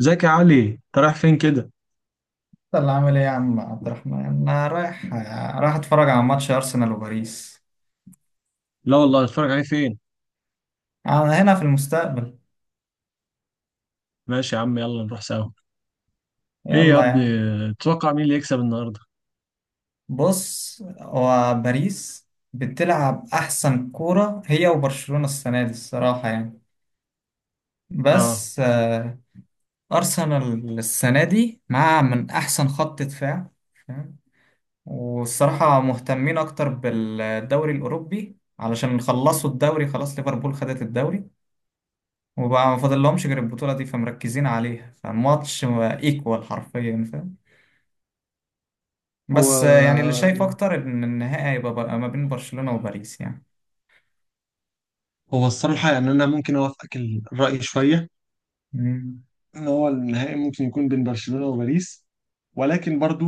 ازيك يا علي، انت رايح فين كده؟ يلا عامل ايه يا عم عبد الرحمن انا رايح اتفرج على ماتش ارسنال وباريس. لا والله، اتفرج عليه فين؟ انا هنا في المستقبل. ماشي يا عم، يلا نروح سوا. ايه يا يلا يا ابني، عم. تتوقع مين اللي يكسب النهارده؟ بص هو باريس بتلعب احسن كورة هي وبرشلونة السنة دي الصراحة يعني اه. بس ارسنال السنة دي مع من احسن خط دفاع. فاهم؟ والصراحة مهتمين اكتر بالدوري الاوروبي علشان خلصوا الدوري خلاص، ليفربول خدت الدوري وبقى ما فاضلهمش غير البطولة دي فمركزين عليها، فالماتش ايكوال حرفيا، فاهم؟ هو بس يعني اللي شايف يعني أكتر إن النهائي هيبقى بقى ما بين برشلونة وباريس يعني. هو الصراحة يعني أنا ممكن أوافقك الرأي شوية مم. إن هو النهائي ممكن يكون بين برشلونة وباريس، ولكن برضو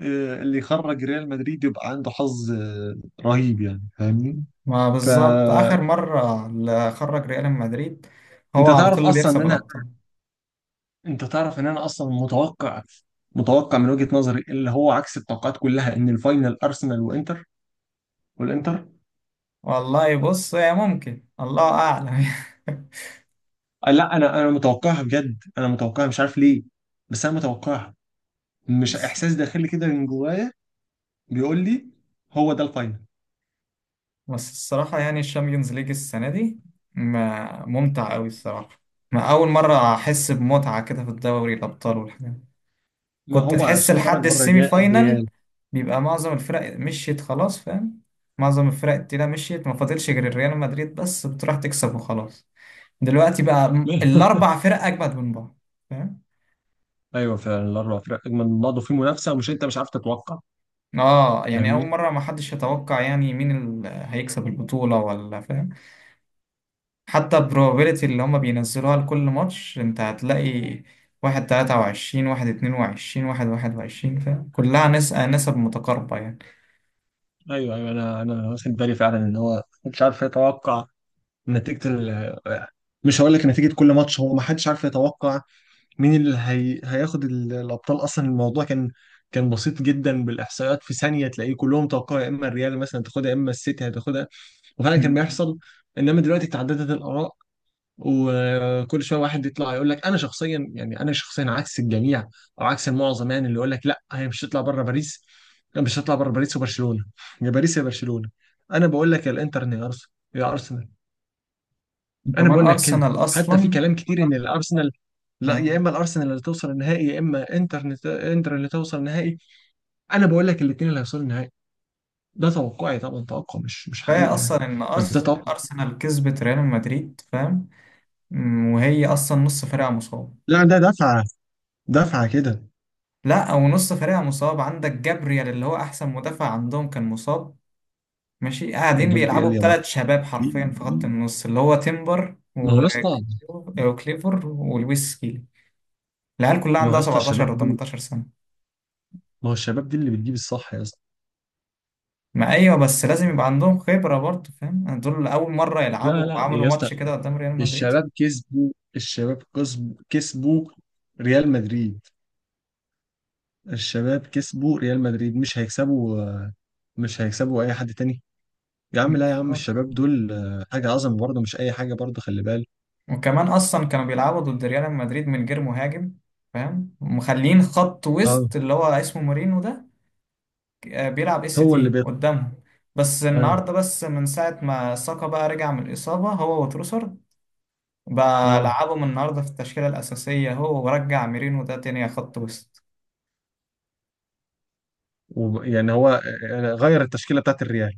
اللي يخرج ريال مدريد يبقى عنده حظ رهيب يعني. فاهمني؟ ما بالظبط فأنت آخر مرة اللي خرج ريال مدريد؟ هو على طول تعرف اللي أصلا إن بيكسب أنا، الأبطال. أنت تعرف إن أنا أصلا متوقع، متوقع من وجهة نظري اللي هو عكس التوقعات كلها إن الفاينل أرسنال وإنتر والانتر. والله بص هي ممكن، الله أعلم. لا انا متوقعها بجد، انا متوقعها مش عارف ليه، بس انا متوقعها. مش بس احساس داخلي كده من جوايا بيقول لي هو ده الفاينل. بس الصراحة يعني الشامبيونز ليج السنة دي ما ممتع أوي الصراحة. ما أول مرة أحس بمتعة كده في الدوري الأبطال والحاجات. ما كنت هو تحس عشان خرج لحد بره السيمي الريال، فاينال الريال. بيبقى معظم الفرق مشيت خلاص، فاهم؟ معظم الفرق التقيلة مشيت، ما فاضلش غير الريال مدريد بس بتروح تكسب وخلاص. دلوقتي بقى الأربع فرق أجمد من بعض، فاهم؟ ايوه فعلا الاربع فرق اجمل من بعض وفي منافسه، مش انت مش عارف تتوقع. اه يعني أول فاهمني؟ مرة ما حدش يتوقع يعني مين اللي هيكسب البطولة ولا، فاهم؟ حتى البروبابيلتي اللي هما بينزلوها لكل ماتش انت هتلاقي واحد تلاتة وعشرين، واحد اتنين وعشرين، واحد واحد وعشرين، فاهم؟ كلها نسب متقاربة يعني. ايوه ايوه، انا واخد بالي فعلا ان هو مش عارف يتوقع نتيجه مش هقول لك نتيجه كل ماتش، هو ما حدش عارف يتوقع مين اللي هياخد الابطال اصلا. الموضوع كان بسيط جدا بالاحصائيات، في ثانيه تلاقيه كلهم توقعوا يا اما الريال مثلا تاخدها، يا اما السيتي هتاخدها، وفعلا كان مم. بيحصل. انما دلوقتي تعددت الاراء، وكل شويه واحد يطلع يقول لك انا شخصيا، يعني انا شخصيا عكس الجميع او عكس المعظم، يعني اللي يقول لك لا هي مش هتطلع بره باريس، لا مش هتطلع بره باريس وبرشلونه، يا باريس يا برشلونه. انا بقول لك يا الانتر يا ارسنال، يا ارسنال. انا وكمان بقول لك كده أرسنال حتى في أصلا كلام كتير ان الارسنال، لا آه. يا اما الارسنال اللي توصل النهائي، يا اما انتر، انتر اللي توصل النهائي. انا بقول لك الاثنين اللي هيوصلوا النهائي. ده توقعي طبعا، توقع مش فهي حقيقي يعني. اصلا ان بس ده توقع. ارسنال كسبت ريال مدريد، فاهم؟ وهي اصلا نص فريقها مصاب. لا ده دفعه، دفعه كده. لا او نص فريقها مصاب، عندك جابريال اللي هو احسن مدافع عندهم كان مصاب. ماشي قاعدين بيلعبوا جبريل يا مان، بثلاث شباب حرفيا في خط النص، اللي هو تيمبر ما هو يا اسطى، وكليفر ولويس سكيلي. العيال كلها ما هو عندها يا اسطى 17 الشباب دول، و18 سنة. ما هو الشباب دي اللي بتجيب الصح يا اسطى. ما ايوه بس لازم يبقى عندهم خبرة برضه، فاهم؟ دول اول مرة لا يلعبوا لا وعملوا يا اسطى، ماتش كده قدام ريال مدريد. الشباب كسبوا، الشباب كسبوا، كسبوا ريال مدريد. الشباب كسبوا ريال مدريد، مش هيكسبوا، مش هيكسبوا اي حد تاني. يا عم، لا يا عم، الشباب دول حاجه عظمه برضه، مش اي حاجه برضه، خلي بالك. وكمان اصلا كانوا بيلعبوا ضد ريال مدريد من غير مهاجم، فاهم؟ ومخلين خط اه، وسط اللي هو اسمه مورينو ده بيلعب اس هو اللي تي بيطلع. قدامهم. بس ايوه. النهارده، بس من ساعه ما ساكا بقى رجع من الاصابه هو وتروسر، بقى اه، لعبهم النهارده في التشكيله الاساسيه هو، ورجع ميرينو ده تاني خط وسط. يعني هو غير التشكيله بتاعت الريال.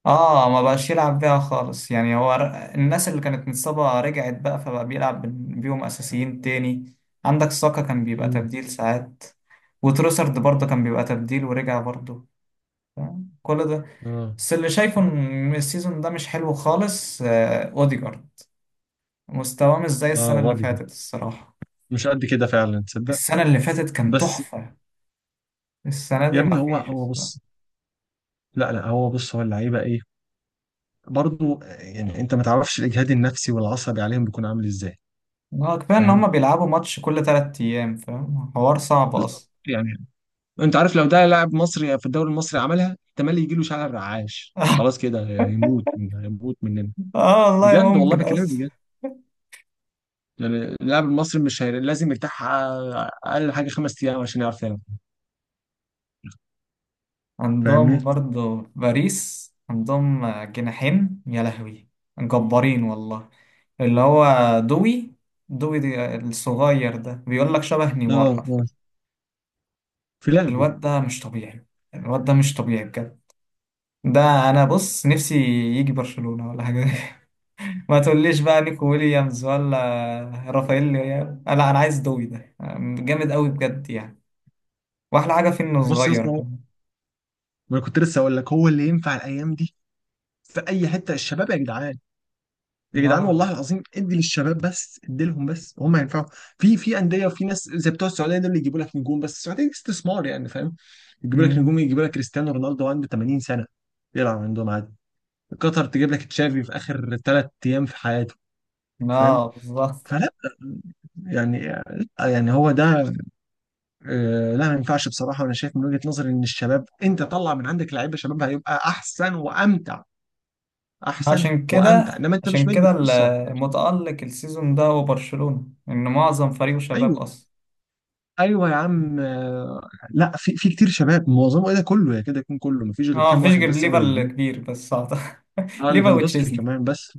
اه ما بقاش يلعب بيها خالص يعني، هو الناس اللي كانت متصابة رجعت بقى، فبقى بيلعب بيهم أساسيين تاني. عندك ساكا كان بيبقى مم. تبديل ساعات، وتروسرد برضه كان بيبقى تبديل ورجع برضه. فاهم؟ كل ده اه. بس اللي شايفه ان السيزون ده مش حلو خالص، اوديجارد مستواه مش زي اه السنة اللي واضح فاتت كده. الصراحة. مش قد كده فعلا، تصدق؟ السنة اللي فاتت كان بس تحفة، السنة يا دي ابني، هو مفيش هو الصراحة. بص، لا لا هو بص، هو اللعيبه ايه برضه، يعني انت ما تعرفش الاجهاد النفسي والعصبي عليهم بيكون عامل ازاي. كفاية ان هما فاهم؟ بيلعبوا ماتش كل تلات ايام، فاهم؟ حوار صعب بالظبط اصلا. يعني، انت عارف لو ده لاعب مصري في الدوري المصري عملها، احتمال يجي له شلل رعاش، خلاص كده يموت، يموت مننا. اه والله بجد والله ممكن بكلمك اصلا. بجد، يعني اللاعب المصري مش لازم يرتاح اقل حاجه 5 ايام عشان يعرف يلعب. فاهمني؟ عندهم برضو في باريس عندهم جناحين يا لهوي جبارين والله. اللي هو دوي، دوي دي الصغير ده بيقول لك شبه نيمار اه اه، حرفيا. في لعبه. الواد ده مش طبيعي، الواد ده مش طبيعي بجد. ده انا بص نفسي يجي برشلونة ولا حاجة. ما تقوليش بقى نيكو ويليامز ولا رافائيل، لا انا عايز دوي ده جامد قوي بجد يعني. واحلى حاجة فيه انه بص يا صغير اسطى، كمان. ما انا كنت لسه اقول لك هو اللي ينفع الايام دي في اي حته، الشباب يا جدعان، يا جدعان اه. والله العظيم، ادي للشباب بس، ادي لهم بس، هم هينفعوا. في انديه، وفي ناس زي بتوع السعوديه دول اللي يجيبوا لك نجوم، بس السعوديه دي استثمار يعني، فاهم؟ يجيبوا لك نجوم، مم. يجيبوا لك كريستيانو رونالدو عنده 80 سنه يلعب عندهم عادي. قطر تجيب لك تشافي في اخر 3 ايام في حياته. فاهم؟ اه بالظبط. فلا يعني يعني هو ده، لا ما ينفعش بصراحه. وانا شايف من وجهه نظري ان الشباب، انت طلع من عندك لعيبه شباب هيبقى احسن وامتع، احسن عشان وامتع. كده انما انت مش عشان مدي كده فرصه. المتألق السيزون ده هو برشلونة، إن معظم فريقه شباب ايوه أصلا. ايوه يا عم، لا في كتير شباب، معظمه ايه ده كله، يا كده يكون كله مفيش غير اه كام مفيش واحد غير بس هو ليفا اللي جديد. الكبير بس أعتقد. اه، ليفا ليفاندوسكي وتشيزني. كمان، بس.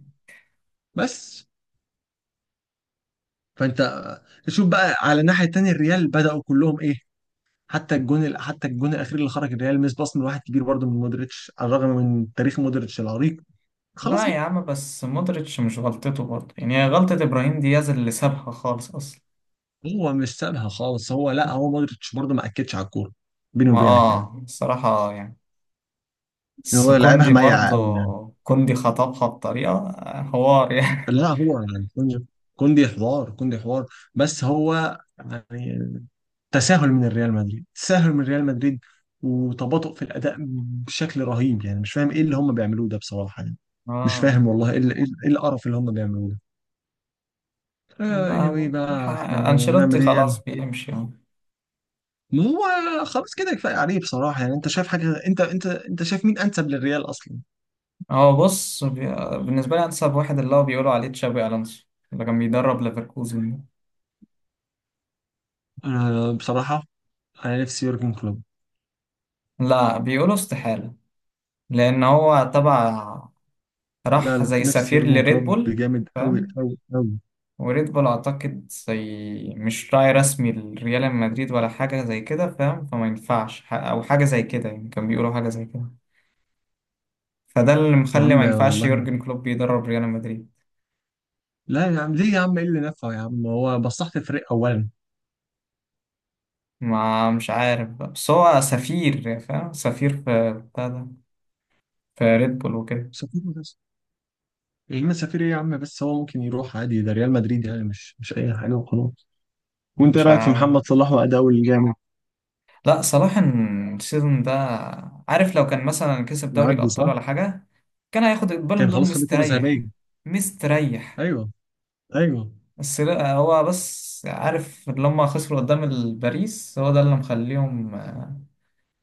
بس فانت تشوف بقى على الناحيه التانيه الريال بداوا كلهم ايه، حتى حتى الجون الاخير اللي خرج الريال، مس باص من واحد كبير برضه، من مودريتش على الرغم من تاريخ مودريتش العريق. خلاص لا بقى. يا عم بس مودريتش مش غلطته برضه يعني، هي غلطة إبراهيم دياز اللي سابها خالص أصلا. هو مش سابها خالص، هو لا، هو مودريتش برضه ما اكدش على الكوره، بيني ما وبينك يعني. اه الصراحة يعني. إن بس هو لعبها كوندي ميعه برضه، قوي يعني. كوندي خطبها بطريقة، حوار يعني. لا هو يعني كوندي، كوندي حوار، كوندي حوار. بس هو يعني، تساهل من الريال مدريد، تساهل من ريال مدريد، وتباطؤ في الأداء بشكل رهيب يعني. مش فاهم ايه اللي هم بيعملوه ده بصراحة يعني، مش اه فاهم والله ايه إيه القرف اللي هم بيعملوه ده. آه anyway ما- ح- بقى، احنا أنشيلوتي نعمل ايه خلاص يعني؟ بيمشي. ما هو خلاص كده، كفاية عليه بصراحة يعني. انت شايف حاجة، انت شايف مين انسب للريال اصلا؟ هو بص بالنسبة لي أنسب واحد اللي هو بيقولوا عليه تشابي ألونسو، اللي كان بيدرب ليفركوزن ده. انا بصراحة، انا نفسي يورجن كلوب. لا بيقولوا استحالة، لأن هو تبع، لا راح لا، زي نفسي سفير يورجن لريد كلوب بول، بجامد، قوي فاهم؟ قوي قوي. وريد بول أعتقد زي مش راعي رسمي لريال مدريد ولا حاجة زي كده، فاهم؟ فما ينفعش أو حاجة زي كده يعني، كان بيقولوا حاجة زي كده. فده اللي يا مخلي ما عم ينفعش والله، يورجن كلوب يدرب ريال مدريد. لا يا عم، ليه يا عم؟ ايه اللي نفعه يا عم، هو بصحت الفريق اولا. ما مش عارف بقى. بس هو سفير، فاهم؟ سفير في بتاع ده، في ريد بول وكده. سفير بس؟ يا عم سفير ايه يا عم، بس هو ممكن يروح عادي، ده ريال مدريد يعني، مش مش اي حاجه وخلاص. وانت ايه مش رايك في عارف. محمد صلاح واداؤه الجامد؟ لا صلاح السيزون ده، عارف لو كان مثلا كسب دوري معدي الأبطال صح. ولا حاجة كان هياخد البالون كان دور خلاص خد الكره مستريح. الذهبيه. مستريح. ايوه ايوه. بس لا هو بس عارف لما خسروا قدام الباريس هو ده اللي مخليهم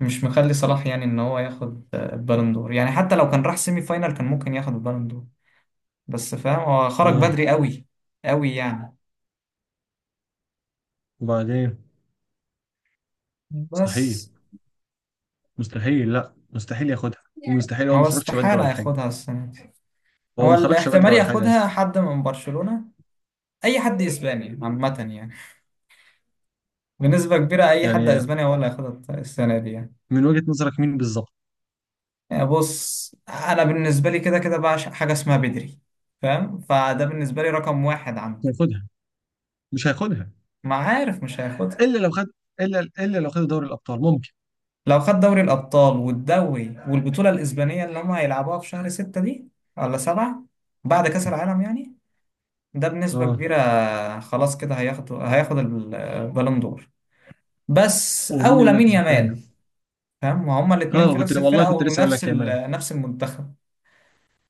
مش مخلي صلاح يعني ان هو ياخد البالون دور يعني، حتى لو كان راح سيمي فاينال كان ممكن ياخد البالون دور، بس فاهم هو خرج اه، بدري قوي، قوي يعني. وبعدين مستحيل، بس مستحيل، لا مستحيل ياخدها، ومستحيل، هو ما هو خرجش بدري استحالة ولا حاجه. ياخدها السنة دي. هو هو ما خرجش الاحتمال بدري ولا حاجه ياخدها اصلا. حد من برشلونة، اي حد اسباني عامه يعني، بنسبه كبيره اي حد يعني اسباني هو اللي هياخدها السنه دي يعني. من وجهه نظرك مين بالظبط؟ يعني بص انا بالنسبه لي كده كده بعشق حاجه اسمها بدري، فاهم؟ فده بالنسبه لي رقم واحد مش عندي. هياخدها، مش هياخدها ما عارف مش هياخدها. الا لو خد، الا لو خد دوري الابطال ممكن. لو خد دوري الابطال والدوري والبطوله الاسبانيه اللي هم هيلعبوها في شهر ستة دي ولا سبعة، بعد كاس العالم يعني، ده بنسبه اه، كبيره. خلاص كده هياخد البالون دور. بس ومين او لامين المركز الثاني؟ يامال، فاهم؟ وهما الاثنين اه في كنت، نفس والله الفرقه كنت لسه اقول ونفس لك يامال. نفس المنتخب.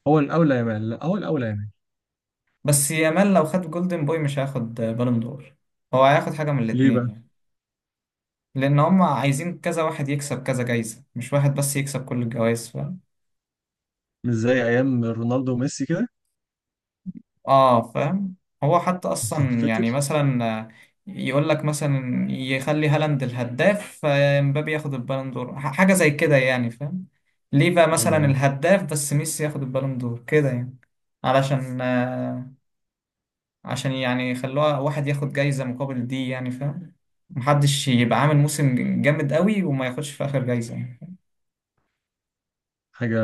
هو الاولى يامال، لا هو الاولى يامال. بس يامال لو خد جولدن بوي مش هياخد بالون دور، هو هياخد حاجة من ليه الاتنين بقى؟ يعني. لأن هم عايزين كذا واحد يكسب كذا جايزة، مش واحد بس يكسب كل الجوائز، فاهم؟ مش زي ايام رونالدو وميسي كده؟ اه فاهم. هو حتى أصلا يعني فاكر؟ مثلا يقول لك مثلا يخلي هالاند الهداف، فمبابي ياخد البالون دور، حاجة زي كده يعني، فاهم؟ ليه بقى مثلا ايوه ايوه. الهداف بس ميسي ياخد البالون دور كده يعني. علشان يعني يخلوها واحد ياخد جايزة مقابل دي يعني، فاهم؟ محدش يبقى عامل موسم جامد قوي وما ياخدش في آخر جايزة يعني. حاجه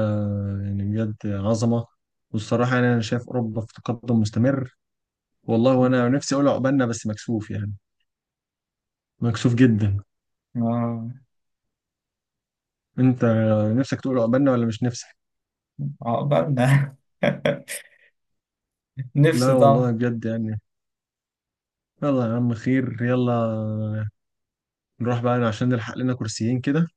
يعني، بجد عظمه. والصراحه يعني انا شايف اوروبا في تقدم مستمر والله. مم. وانا نفسي اقول عقبالنا بس مكسوف يعني، مكسوف جدا. آه. انت نفسك تقول عقبالنا ولا مش نفسك؟ عقبالنا. لا نفسي والله طبعا. بجد يعني. يلا يا عم، خير، يلا نروح بقى عشان نلحق لنا كرسيين كده.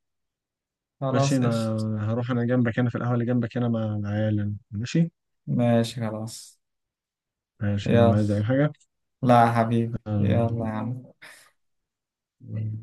ماشي، خلاص انا قشطة. هروح انا جنبك هنا في القهوة اللي جنبك هنا مع العيال يعني. ماشي. ماشي خلاص. ماشي انا، يلا. عايز اي حاجة؟ لا يا حبيبي، يلا يا عم. آه،